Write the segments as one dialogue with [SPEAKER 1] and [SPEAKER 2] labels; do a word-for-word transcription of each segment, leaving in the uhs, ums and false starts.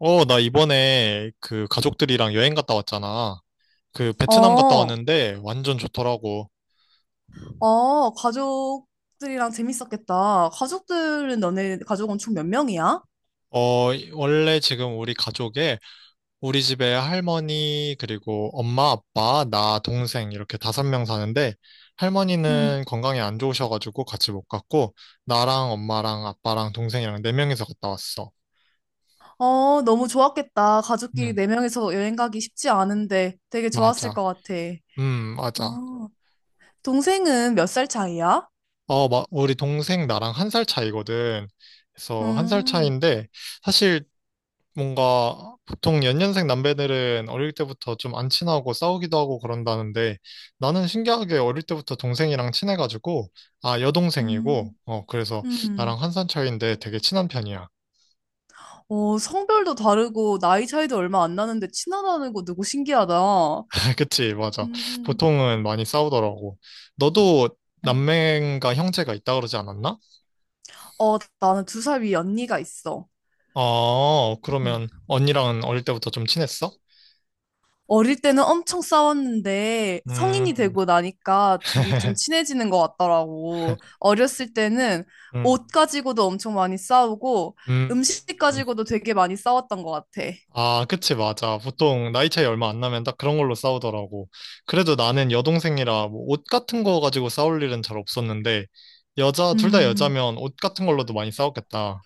[SPEAKER 1] 어, 나 이번에 그 가족들이랑 여행 갔다 왔잖아. 그 베트남 갔다
[SPEAKER 2] 어,
[SPEAKER 1] 왔는데 완전 좋더라고.
[SPEAKER 2] 어, 가족들이랑 재밌었겠다. 가족들은 너네 가족은 총 몇 명이야?
[SPEAKER 1] 어, 이- 원래 지금 우리 가족에 우리 집에 할머니, 그리고 엄마, 아빠, 나, 동생 이렇게 다섯 명 사는데
[SPEAKER 2] 응.
[SPEAKER 1] 할머니는 건강이 안 좋으셔가지고 같이 못 갔고 나랑 엄마랑 아빠랑 동생이랑 네 명이서 갔다 왔어.
[SPEAKER 2] 어, 너무 좋았겠다. 가족끼리
[SPEAKER 1] 음,
[SPEAKER 2] 네 명이서 여행 가기 쉽지 않은데 되게 좋았을
[SPEAKER 1] 맞아.
[SPEAKER 2] 것 같아.
[SPEAKER 1] 음, 맞아.
[SPEAKER 2] 어, 동생은 몇 살 차이야?
[SPEAKER 1] 어, 마, 우리 동생 나랑 한 살 차이거든. 그래서 한 살
[SPEAKER 2] 음,
[SPEAKER 1] 차이인데 사실 뭔가 보통 연년생 남배들은 어릴 때부터 좀 안 친하고 싸우기도 하고 그런다는데 나는 신기하게 어릴 때부터 동생이랑 친해가지고 아, 여동생이고.
[SPEAKER 2] 음,
[SPEAKER 1] 어, 그래서
[SPEAKER 2] 음.
[SPEAKER 1] 나랑 한 살 차이인데 되게 친한 편이야.
[SPEAKER 2] 어, 성별도 다르고 나이 차이도 얼마 안 나는데 친하다는 거 누구 신기하다.
[SPEAKER 1] 그치, 맞아.
[SPEAKER 2] 음.
[SPEAKER 1] 보통은 많이 싸우더라고. 너도 남매인가 형제가 있다 그러지 않았나?
[SPEAKER 2] 어, 나는 두 살 위 언니가 있어.
[SPEAKER 1] 아, 그러면 언니랑은 어릴 때부터 좀 친했어?
[SPEAKER 2] 어릴 때는 엄청 싸웠는데 성인이
[SPEAKER 1] 음.
[SPEAKER 2] 되고 나니까 둘이 좀 친해지는 것 같더라고. 어렸을 때는
[SPEAKER 1] 음.
[SPEAKER 2] 옷 가지고도 엄청 많이 싸우고
[SPEAKER 1] 음.
[SPEAKER 2] 음식 가지고도 되게 많이 싸웠던 것 같아.
[SPEAKER 1] 아, 그치, 맞아. 보통 나이 차이 얼마 안 나면 딱 그런 걸로 싸우더라고. 그래도 나는 여동생이라 뭐옷 같은 거 가지고 싸울 일은 잘 없었는데, 여자, 둘 다
[SPEAKER 2] 음,
[SPEAKER 1] 여자면 옷 같은 걸로도 많이 싸웠겠다.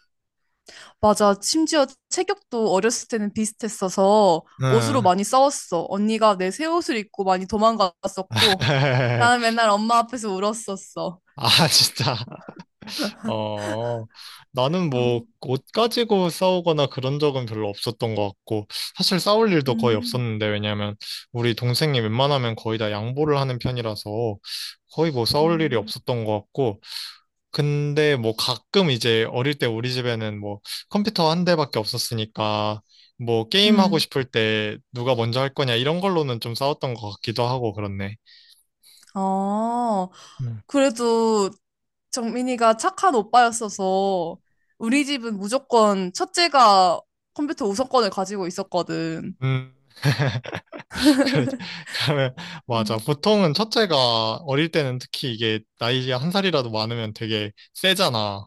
[SPEAKER 2] 맞아. 심지어 체격도 어렸을 때는 비슷했어서 옷으로
[SPEAKER 1] 응.
[SPEAKER 2] 많이 싸웠어. 언니가 내 새 옷을 입고 많이 도망갔었고 나는 맨날 엄마 앞에서 울었었어.
[SPEAKER 1] 아, 진짜. 어, 나는
[SPEAKER 2] 어,
[SPEAKER 1] 뭐, 옷 가지고 싸우거나 그런 적은 별로 없었던 것 같고, 사실 싸울 일도 거의
[SPEAKER 2] 음,
[SPEAKER 1] 없었는데, 왜냐면, 우리 동생이 웬만하면 거의 다 양보를 하는 편이라서, 거의 뭐 싸울 일이
[SPEAKER 2] 음,
[SPEAKER 1] 없었던 것 같고, 근데 뭐 가끔 이제 어릴 때 우리 집에는 뭐 컴퓨터 한 대밖에 없었으니까 뭐 게임하고
[SPEAKER 2] 음.
[SPEAKER 1] 싶을 때 누가 먼저 할 거냐 이런 걸로는 좀 싸웠던 것 같기도 하고 그렇네.
[SPEAKER 2] 아,
[SPEAKER 1] 음.
[SPEAKER 2] 그래도 정민이가 착한 오빠였어서 우리 집은 무조건 첫째가 컴퓨터 우선권을 가지고 있었거든.
[SPEAKER 1] 음. 그래, 그러면 맞아.
[SPEAKER 2] 음.
[SPEAKER 1] 보통은 첫째가 어릴 때는 특히 이게 나이가 한 살이라도 많으면 되게 세잖아.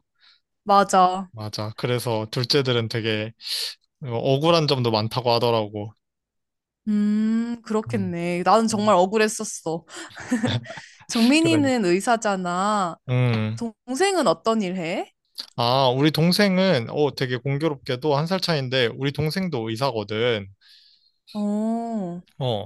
[SPEAKER 2] 맞아.
[SPEAKER 1] 맞아. 그래서 둘째들은 되게 어, 억울한 점도 많다고 하더라고.
[SPEAKER 2] 음,
[SPEAKER 1] 음.
[SPEAKER 2] 그렇겠네. 나는 정말 억울했었어.
[SPEAKER 1] 그러니.
[SPEAKER 2] 정민이는 의사잖아.
[SPEAKER 1] 음.
[SPEAKER 2] 동생은 어떤 일 해?
[SPEAKER 1] 아, 우리 동생은, 어, 되게 공교롭게도 한 살 차인데 우리 동생도 의사거든.
[SPEAKER 2] 어,
[SPEAKER 1] 어,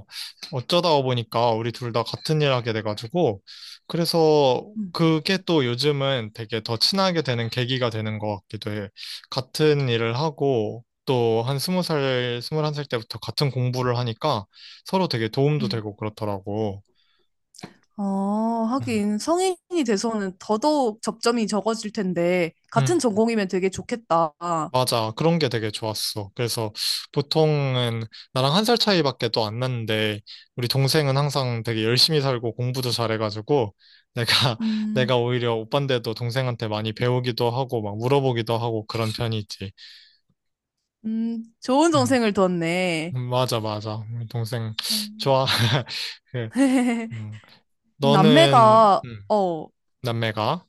[SPEAKER 1] 어쩌다 보니까 우리 둘 다 같은 일 하게 돼가지고, 그래서
[SPEAKER 2] 음,
[SPEAKER 1] 그게 또 요즘은 되게 더 친하게 되는 계기가 되는 것 같기도 해. 같은 일을 하고, 또 한 스무 살, 스물한 살 때부터 같은 공부를 하니까 서로 되게 도움도
[SPEAKER 2] 음.
[SPEAKER 1] 되고 그렇더라고.
[SPEAKER 2] 어,
[SPEAKER 1] 음.
[SPEAKER 2] 하긴 성인이 돼서는 더더욱 접점이 적어질 텐데 같은
[SPEAKER 1] 음.
[SPEAKER 2] 전공이면 되게 좋겠다.
[SPEAKER 1] 맞아. 그런 게 되게 좋았어. 그래서 보통은 나랑 한 살 차이밖에 또 안 났는데 우리 동생은 항상 되게 열심히 살고 공부도 잘해가지고 내가
[SPEAKER 2] 음.
[SPEAKER 1] 내가 오히려 오빠인데도 동생한테 많이 배우기도 하고 막 물어보기도 하고 그런 편이지.
[SPEAKER 2] 음, 좋은
[SPEAKER 1] 음.
[SPEAKER 2] 동생을 뒀네.
[SPEAKER 1] 음, 맞아, 맞아. 우리 동생 좋아. 그, 음. 너는
[SPEAKER 2] 남매가,
[SPEAKER 1] 음,
[SPEAKER 2] 어,
[SPEAKER 1] 남매가?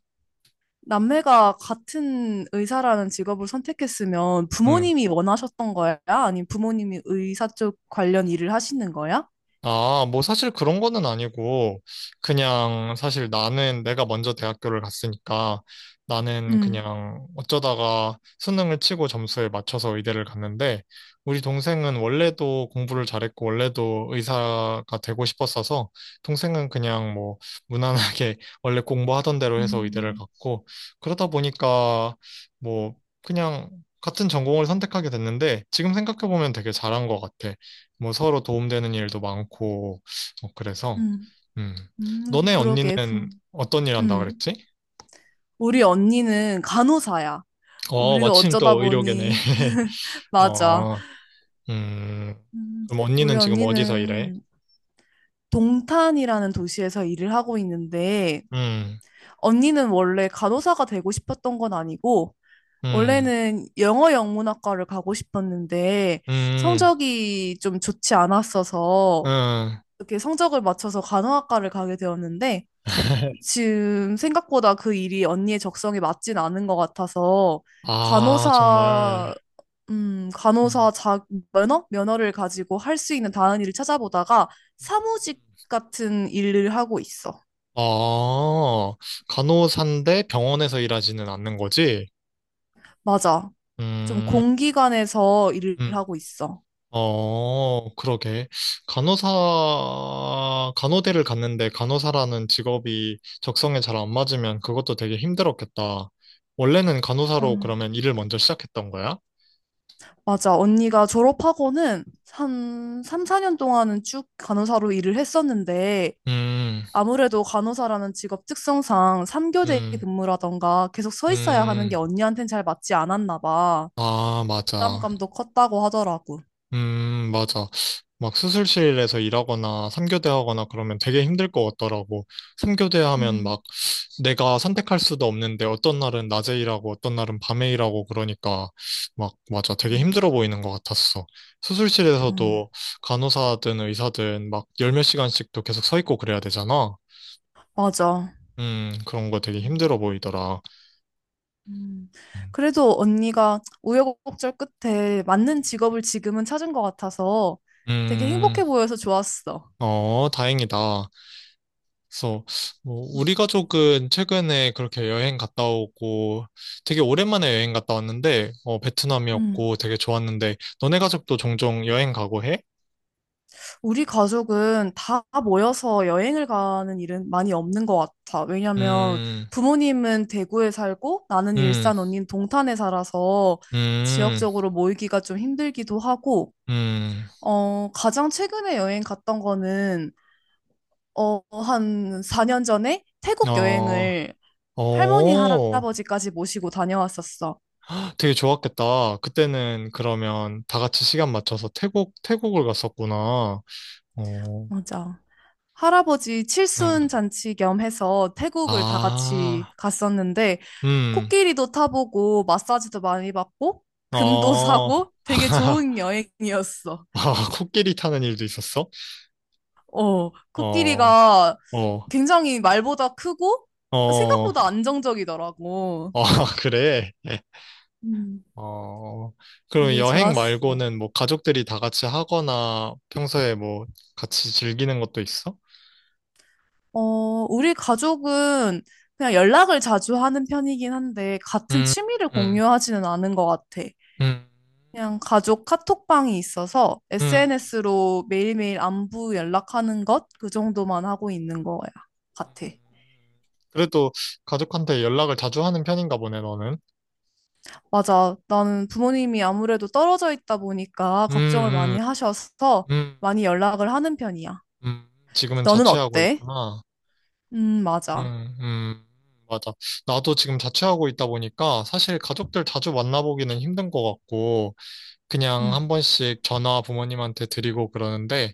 [SPEAKER 2] 남매가 같은 의사라는 직업을 선택했으면
[SPEAKER 1] 음.
[SPEAKER 2] 부모님이 원하셨던 거야? 아니면 부모님이 의사 쪽 관련 일을 하시는 거야?
[SPEAKER 1] 아, 뭐 사실 그런 거는 아니고, 그냥 사실 나는 내가 먼저 대학교를 갔으니까 나는
[SPEAKER 2] 음,
[SPEAKER 1] 그냥 어쩌다가 수능을 치고 점수에 맞춰서 의대를 갔는데, 우리 동생은 원래도 공부를 잘했고, 원래도 의사가 되고 싶었어서, 동생은 그냥 뭐 무난하게 원래 공부하던 대로 해서 의대를
[SPEAKER 2] 음,
[SPEAKER 1] 갔고, 그러다 보니까 뭐 그냥 같은 전공을 선택하게 됐는데, 지금 생각해보면 되게 잘한 것 같아. 뭐 서로 도움되는 일도 많고, 어, 그래서,
[SPEAKER 2] 음,
[SPEAKER 1] 음.
[SPEAKER 2] 음,
[SPEAKER 1] 너네
[SPEAKER 2] 그러게.
[SPEAKER 1] 언니는
[SPEAKER 2] 부-
[SPEAKER 1] 어떤 일 한다
[SPEAKER 2] 음.
[SPEAKER 1] 그랬지?
[SPEAKER 2] 우리 언니는 간호사야.
[SPEAKER 1] 어,
[SPEAKER 2] 우리도
[SPEAKER 1] 마침
[SPEAKER 2] 어쩌다
[SPEAKER 1] 또 의료계네.
[SPEAKER 2] 보니, 맞아.
[SPEAKER 1] 어, 음.
[SPEAKER 2] 음,
[SPEAKER 1] 그럼
[SPEAKER 2] 우리
[SPEAKER 1] 언니는 지금 어디서 일해?
[SPEAKER 2] 언니는 동탄이라는 도시에서 일을 하고 있는데,
[SPEAKER 1] 음,
[SPEAKER 2] 언니는 원래 간호사가 되고 싶었던 건 아니고,
[SPEAKER 1] 음,
[SPEAKER 2] 원래는 영어 영문학과를 가고 싶었는데
[SPEAKER 1] 음,
[SPEAKER 2] 성적이 좀 좋지 않았어서
[SPEAKER 1] 음.
[SPEAKER 2] 이렇게 성적을 맞춰서 간호학과를 가게 되었는데 지금 생각보다 그 일이 언니의 적성에 맞진 않은 것 같아서
[SPEAKER 1] 아,
[SPEAKER 2] 간호사
[SPEAKER 1] 정말.
[SPEAKER 2] 음
[SPEAKER 1] 음.
[SPEAKER 2] 간호사 자 면허 면허를 가지고 할 수 있는 다른 일을 찾아보다가 사무직
[SPEAKER 1] 음.
[SPEAKER 2] 같은 일을 하고 있어.
[SPEAKER 1] 아, 간호사인데 병원에서 일하지는 않는 거지?
[SPEAKER 2] 맞아. 좀
[SPEAKER 1] 음,
[SPEAKER 2] 공기관에서 일을
[SPEAKER 1] 음.
[SPEAKER 2] 하고 있어.
[SPEAKER 1] 어, 그러게. 간호사, 간호대를 갔는데 간호사라는 직업이 적성에 잘 안 맞으면 그것도 되게 힘들었겠다. 원래는 간호사로
[SPEAKER 2] 음.
[SPEAKER 1] 그러면 일을 먼저 시작했던 거야?
[SPEAKER 2] 맞아. 언니가 졸업하고는 한 삼, 사 년 동안은 쭉 간호사로 일을 했었는데
[SPEAKER 1] 음,
[SPEAKER 2] 아무래도 간호사라는 직업 특성상 삼 교대
[SPEAKER 1] 음,
[SPEAKER 2] 근무라던가 계속 서 있어야 하는 게
[SPEAKER 1] 음,
[SPEAKER 2] 언니한텐 잘 맞지 않았나 봐.
[SPEAKER 1] 아, 맞아.
[SPEAKER 2] 부담감도 컸다고 하더라고.
[SPEAKER 1] 음, 맞아. 막 수술실에서 일하거나 삼교대 하거나 그러면 되게 힘들 것 같더라고. 삼교대 하면
[SPEAKER 2] 음,
[SPEAKER 1] 막 내가 선택할 수도 없는데 어떤 날은 낮에 일하고 어떤 날은 밤에 일하고 그러니까 막, 맞아, 되게
[SPEAKER 2] 음,
[SPEAKER 1] 힘들어 보이는 것 같았어.
[SPEAKER 2] 음.
[SPEAKER 1] 수술실에서도 간호사든 의사든 막 열몇 시간씩도 계속 서 있고 그래야 되잖아.
[SPEAKER 2] 맞아.
[SPEAKER 1] 음, 그런 거 되게
[SPEAKER 2] 음,
[SPEAKER 1] 힘들어 보이더라.
[SPEAKER 2] 음.
[SPEAKER 1] 음,
[SPEAKER 2] 그래도 언니가 우여곡절 끝에 맞는 직업을 지금은 찾은 것 같아서 되게
[SPEAKER 1] 음,
[SPEAKER 2] 행복해 보여서 좋았어.
[SPEAKER 1] 어, 다행이다. 그래서 뭐 우리 가족은 최근에 그렇게 여행 갔다 오고 되게 오랜만에 여행 갔다 왔는데 어,
[SPEAKER 2] 음.
[SPEAKER 1] 베트남이었고 되게 좋았는데 너네 가족도 종종 여행 가고 해?
[SPEAKER 2] 우리 가족은 다 모여서 여행을 가는 일은 많이 없는 것 같아. 왜냐면
[SPEAKER 1] 음,
[SPEAKER 2] 부모님은 대구에 살고 나는
[SPEAKER 1] 음,
[SPEAKER 2] 일산 언니는 동탄에 살아서
[SPEAKER 1] 음,
[SPEAKER 2] 지역적으로 모이기가 좀 힘들기도 하고,
[SPEAKER 1] 음,
[SPEAKER 2] 어, 가장 최근에 여행 갔던 거는, 어, 한 사 년 전에 태국
[SPEAKER 1] 어,
[SPEAKER 2] 여행을 할머니,
[SPEAKER 1] 어,
[SPEAKER 2] 할아버지까지 모시고 다녀왔었어.
[SPEAKER 1] 되게 좋았겠다. 그때는 그러면 다 같이 시간 맞춰서 태국, 태국을 갔었구나. 어,
[SPEAKER 2] 맞아. 할아버지
[SPEAKER 1] 음,
[SPEAKER 2] 칠순 잔치 겸 해서 태국을 다 같이
[SPEAKER 1] 아,
[SPEAKER 2] 갔었는데
[SPEAKER 1] 음,
[SPEAKER 2] 코끼리도 타보고 마사지도 많이 받고 금도
[SPEAKER 1] 어,
[SPEAKER 2] 사고 되게 좋은 여행이었어.
[SPEAKER 1] 아, 코끼리 타는 일도 있었어?
[SPEAKER 2] 어,
[SPEAKER 1] 어,
[SPEAKER 2] 코끼리가
[SPEAKER 1] 어,
[SPEAKER 2] 굉장히 말보다 크고
[SPEAKER 1] 어, 아,
[SPEAKER 2] 생각보다 안정적이더라고.
[SPEAKER 1] 그래. 예.
[SPEAKER 2] 음.
[SPEAKER 1] 어, 그럼
[SPEAKER 2] 되게
[SPEAKER 1] 여행
[SPEAKER 2] 좋았어.
[SPEAKER 1] 말고는 뭐 가족들이 다 같이 하거나 평소에 뭐 같이 즐기는 것도 있어?
[SPEAKER 2] 어, 우리 가족은 그냥 연락을 자주 하는 편이긴 한데 같은
[SPEAKER 1] 음,
[SPEAKER 2] 취미를
[SPEAKER 1] 음,
[SPEAKER 2] 공유하지는 않은 것 같아.
[SPEAKER 1] 음,
[SPEAKER 2] 그냥 가족 카톡방이 있어서
[SPEAKER 1] 음.
[SPEAKER 2] 에스엔에스로 매일매일 안부 연락하는 것? 그 정도만 하고 있는 거야, 같아.
[SPEAKER 1] 그래도 가족한테 연락을 자주 하는 편인가 보네, 너는.
[SPEAKER 2] 맞아. 나는 부모님이 아무래도 떨어져 있다 보니까
[SPEAKER 1] 음,
[SPEAKER 2] 걱정을 많이
[SPEAKER 1] 음,
[SPEAKER 2] 하셔서
[SPEAKER 1] 음,
[SPEAKER 2] 많이 연락을 하는 편이야.
[SPEAKER 1] 음. 지금은
[SPEAKER 2] 너는
[SPEAKER 1] 자취하고
[SPEAKER 2] 어때?
[SPEAKER 1] 있구나.
[SPEAKER 2] 음, 맞아.
[SPEAKER 1] 음, 음. 맞아. 나도 지금 자취하고 있다 보니까 사실 가족들 자주 만나보기는 힘든 것 같고, 그냥
[SPEAKER 2] 음,
[SPEAKER 1] 한 번씩 전화 부모님한테 드리고 그러는데,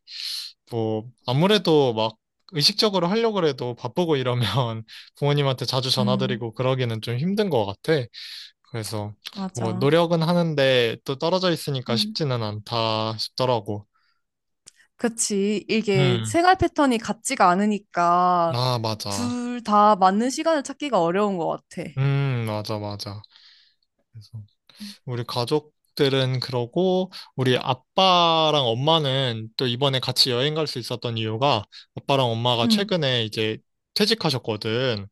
[SPEAKER 1] 뭐 아무래도 막 의식적으로 하려고 해도 바쁘고 이러면 부모님한테 자주
[SPEAKER 2] 음,
[SPEAKER 1] 전화드리고 그러기는 좀 힘든 것 같아. 그래서 뭐
[SPEAKER 2] 맞아.
[SPEAKER 1] 노력은 하는데 또 떨어져 있으니까
[SPEAKER 2] 음.
[SPEAKER 1] 쉽지는 않다 싶더라고.
[SPEAKER 2] 그치. 이게
[SPEAKER 1] 음,
[SPEAKER 2] 생활 패턴이 같지가 않으니까
[SPEAKER 1] 아, 맞아.
[SPEAKER 2] 둘 다 맞는 시간을 찾기가 어려운 것 같아.
[SPEAKER 1] 음, 맞아, 맞아. 그래서 우리 가족들은 그러고 우리 아빠랑 엄마는 또 이번에 같이 여행 갈 수 있었던 이유가 아빠랑 엄마가
[SPEAKER 2] 응.
[SPEAKER 1] 최근에 이제 퇴직하셨거든.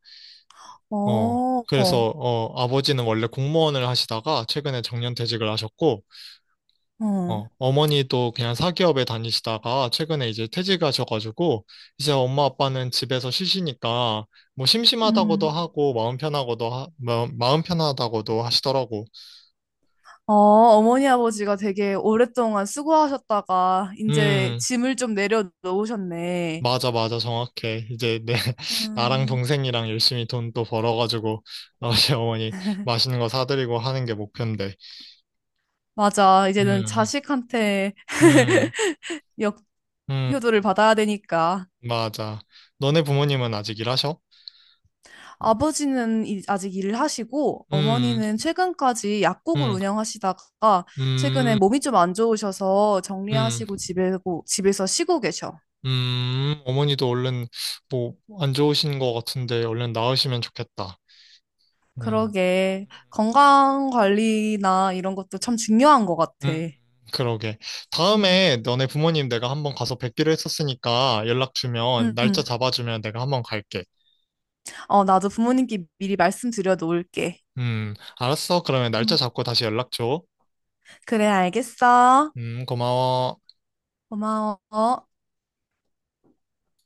[SPEAKER 1] 어,
[SPEAKER 2] 어, 어,
[SPEAKER 1] 그래서, 어, 아버지는 원래 공무원을 하시다가 최근에 정년 퇴직을 하셨고,
[SPEAKER 2] 어.
[SPEAKER 1] 어, 어머니도 그냥 사기업에 다니시다가 최근에 이제 퇴직하셔가지고, 이제 엄마 아빠는 집에서 쉬시니까, 뭐 심심하다고도
[SPEAKER 2] 음.
[SPEAKER 1] 하고, 마음 편하고도, 하, 마, 마음 편하다고도 하시더라고.
[SPEAKER 2] 어, 어머니 아버지가 되게 오랫동안 수고하셨다가 이제
[SPEAKER 1] 음,
[SPEAKER 2] 짐을 좀 내려놓으셨네.
[SPEAKER 1] 맞아, 맞아, 정확해. 이제 내, 나랑
[SPEAKER 2] 음.
[SPEAKER 1] 동생이랑 열심히 돈 또 벌어가지고, 아버지 어머니 맛있는 거 사드리고 하는 게 목표인데.
[SPEAKER 2] 맞아. 이제는
[SPEAKER 1] 음,
[SPEAKER 2] 자식한테
[SPEAKER 1] 음, 음.
[SPEAKER 2] 역효도를 받아야 되니까.
[SPEAKER 1] 맞아. 너네 부모님은 아직 일하셔?
[SPEAKER 2] 아버지는 이- 아직 일을 하시고
[SPEAKER 1] 음,
[SPEAKER 2] 어머니는 최근까지 약국을
[SPEAKER 1] 음,
[SPEAKER 2] 운영하시다가 최근에
[SPEAKER 1] 음,
[SPEAKER 2] 몸이 좀 안 좋으셔서
[SPEAKER 1] 음,
[SPEAKER 2] 정리하시고 집에고 집에서 쉬고 계셔.
[SPEAKER 1] 음. 어머니도 얼른 뭐 안 좋으신 것 같은데 얼른 나으시면 좋겠다. 음,
[SPEAKER 2] 그러게 건강 관리나 이런 것도 참 중요한 것
[SPEAKER 1] 음,
[SPEAKER 2] 같아.
[SPEAKER 1] 음. 그러게.
[SPEAKER 2] 음.
[SPEAKER 1] 다음에 너네 부모님 내가 한번 가서 뵙기로 했었으니까 연락 주면
[SPEAKER 2] 응,
[SPEAKER 1] 날짜
[SPEAKER 2] 응.
[SPEAKER 1] 잡아주면 내가 한번 갈게.
[SPEAKER 2] 어, 나도 부모님께 미리 말씀드려 놓을게.
[SPEAKER 1] 음, 알았어. 그러면 날짜
[SPEAKER 2] 응.
[SPEAKER 1] 잡고 다시 연락 줘.
[SPEAKER 2] 그래, 알겠어.
[SPEAKER 1] 음, 고마워.
[SPEAKER 2] 고마워.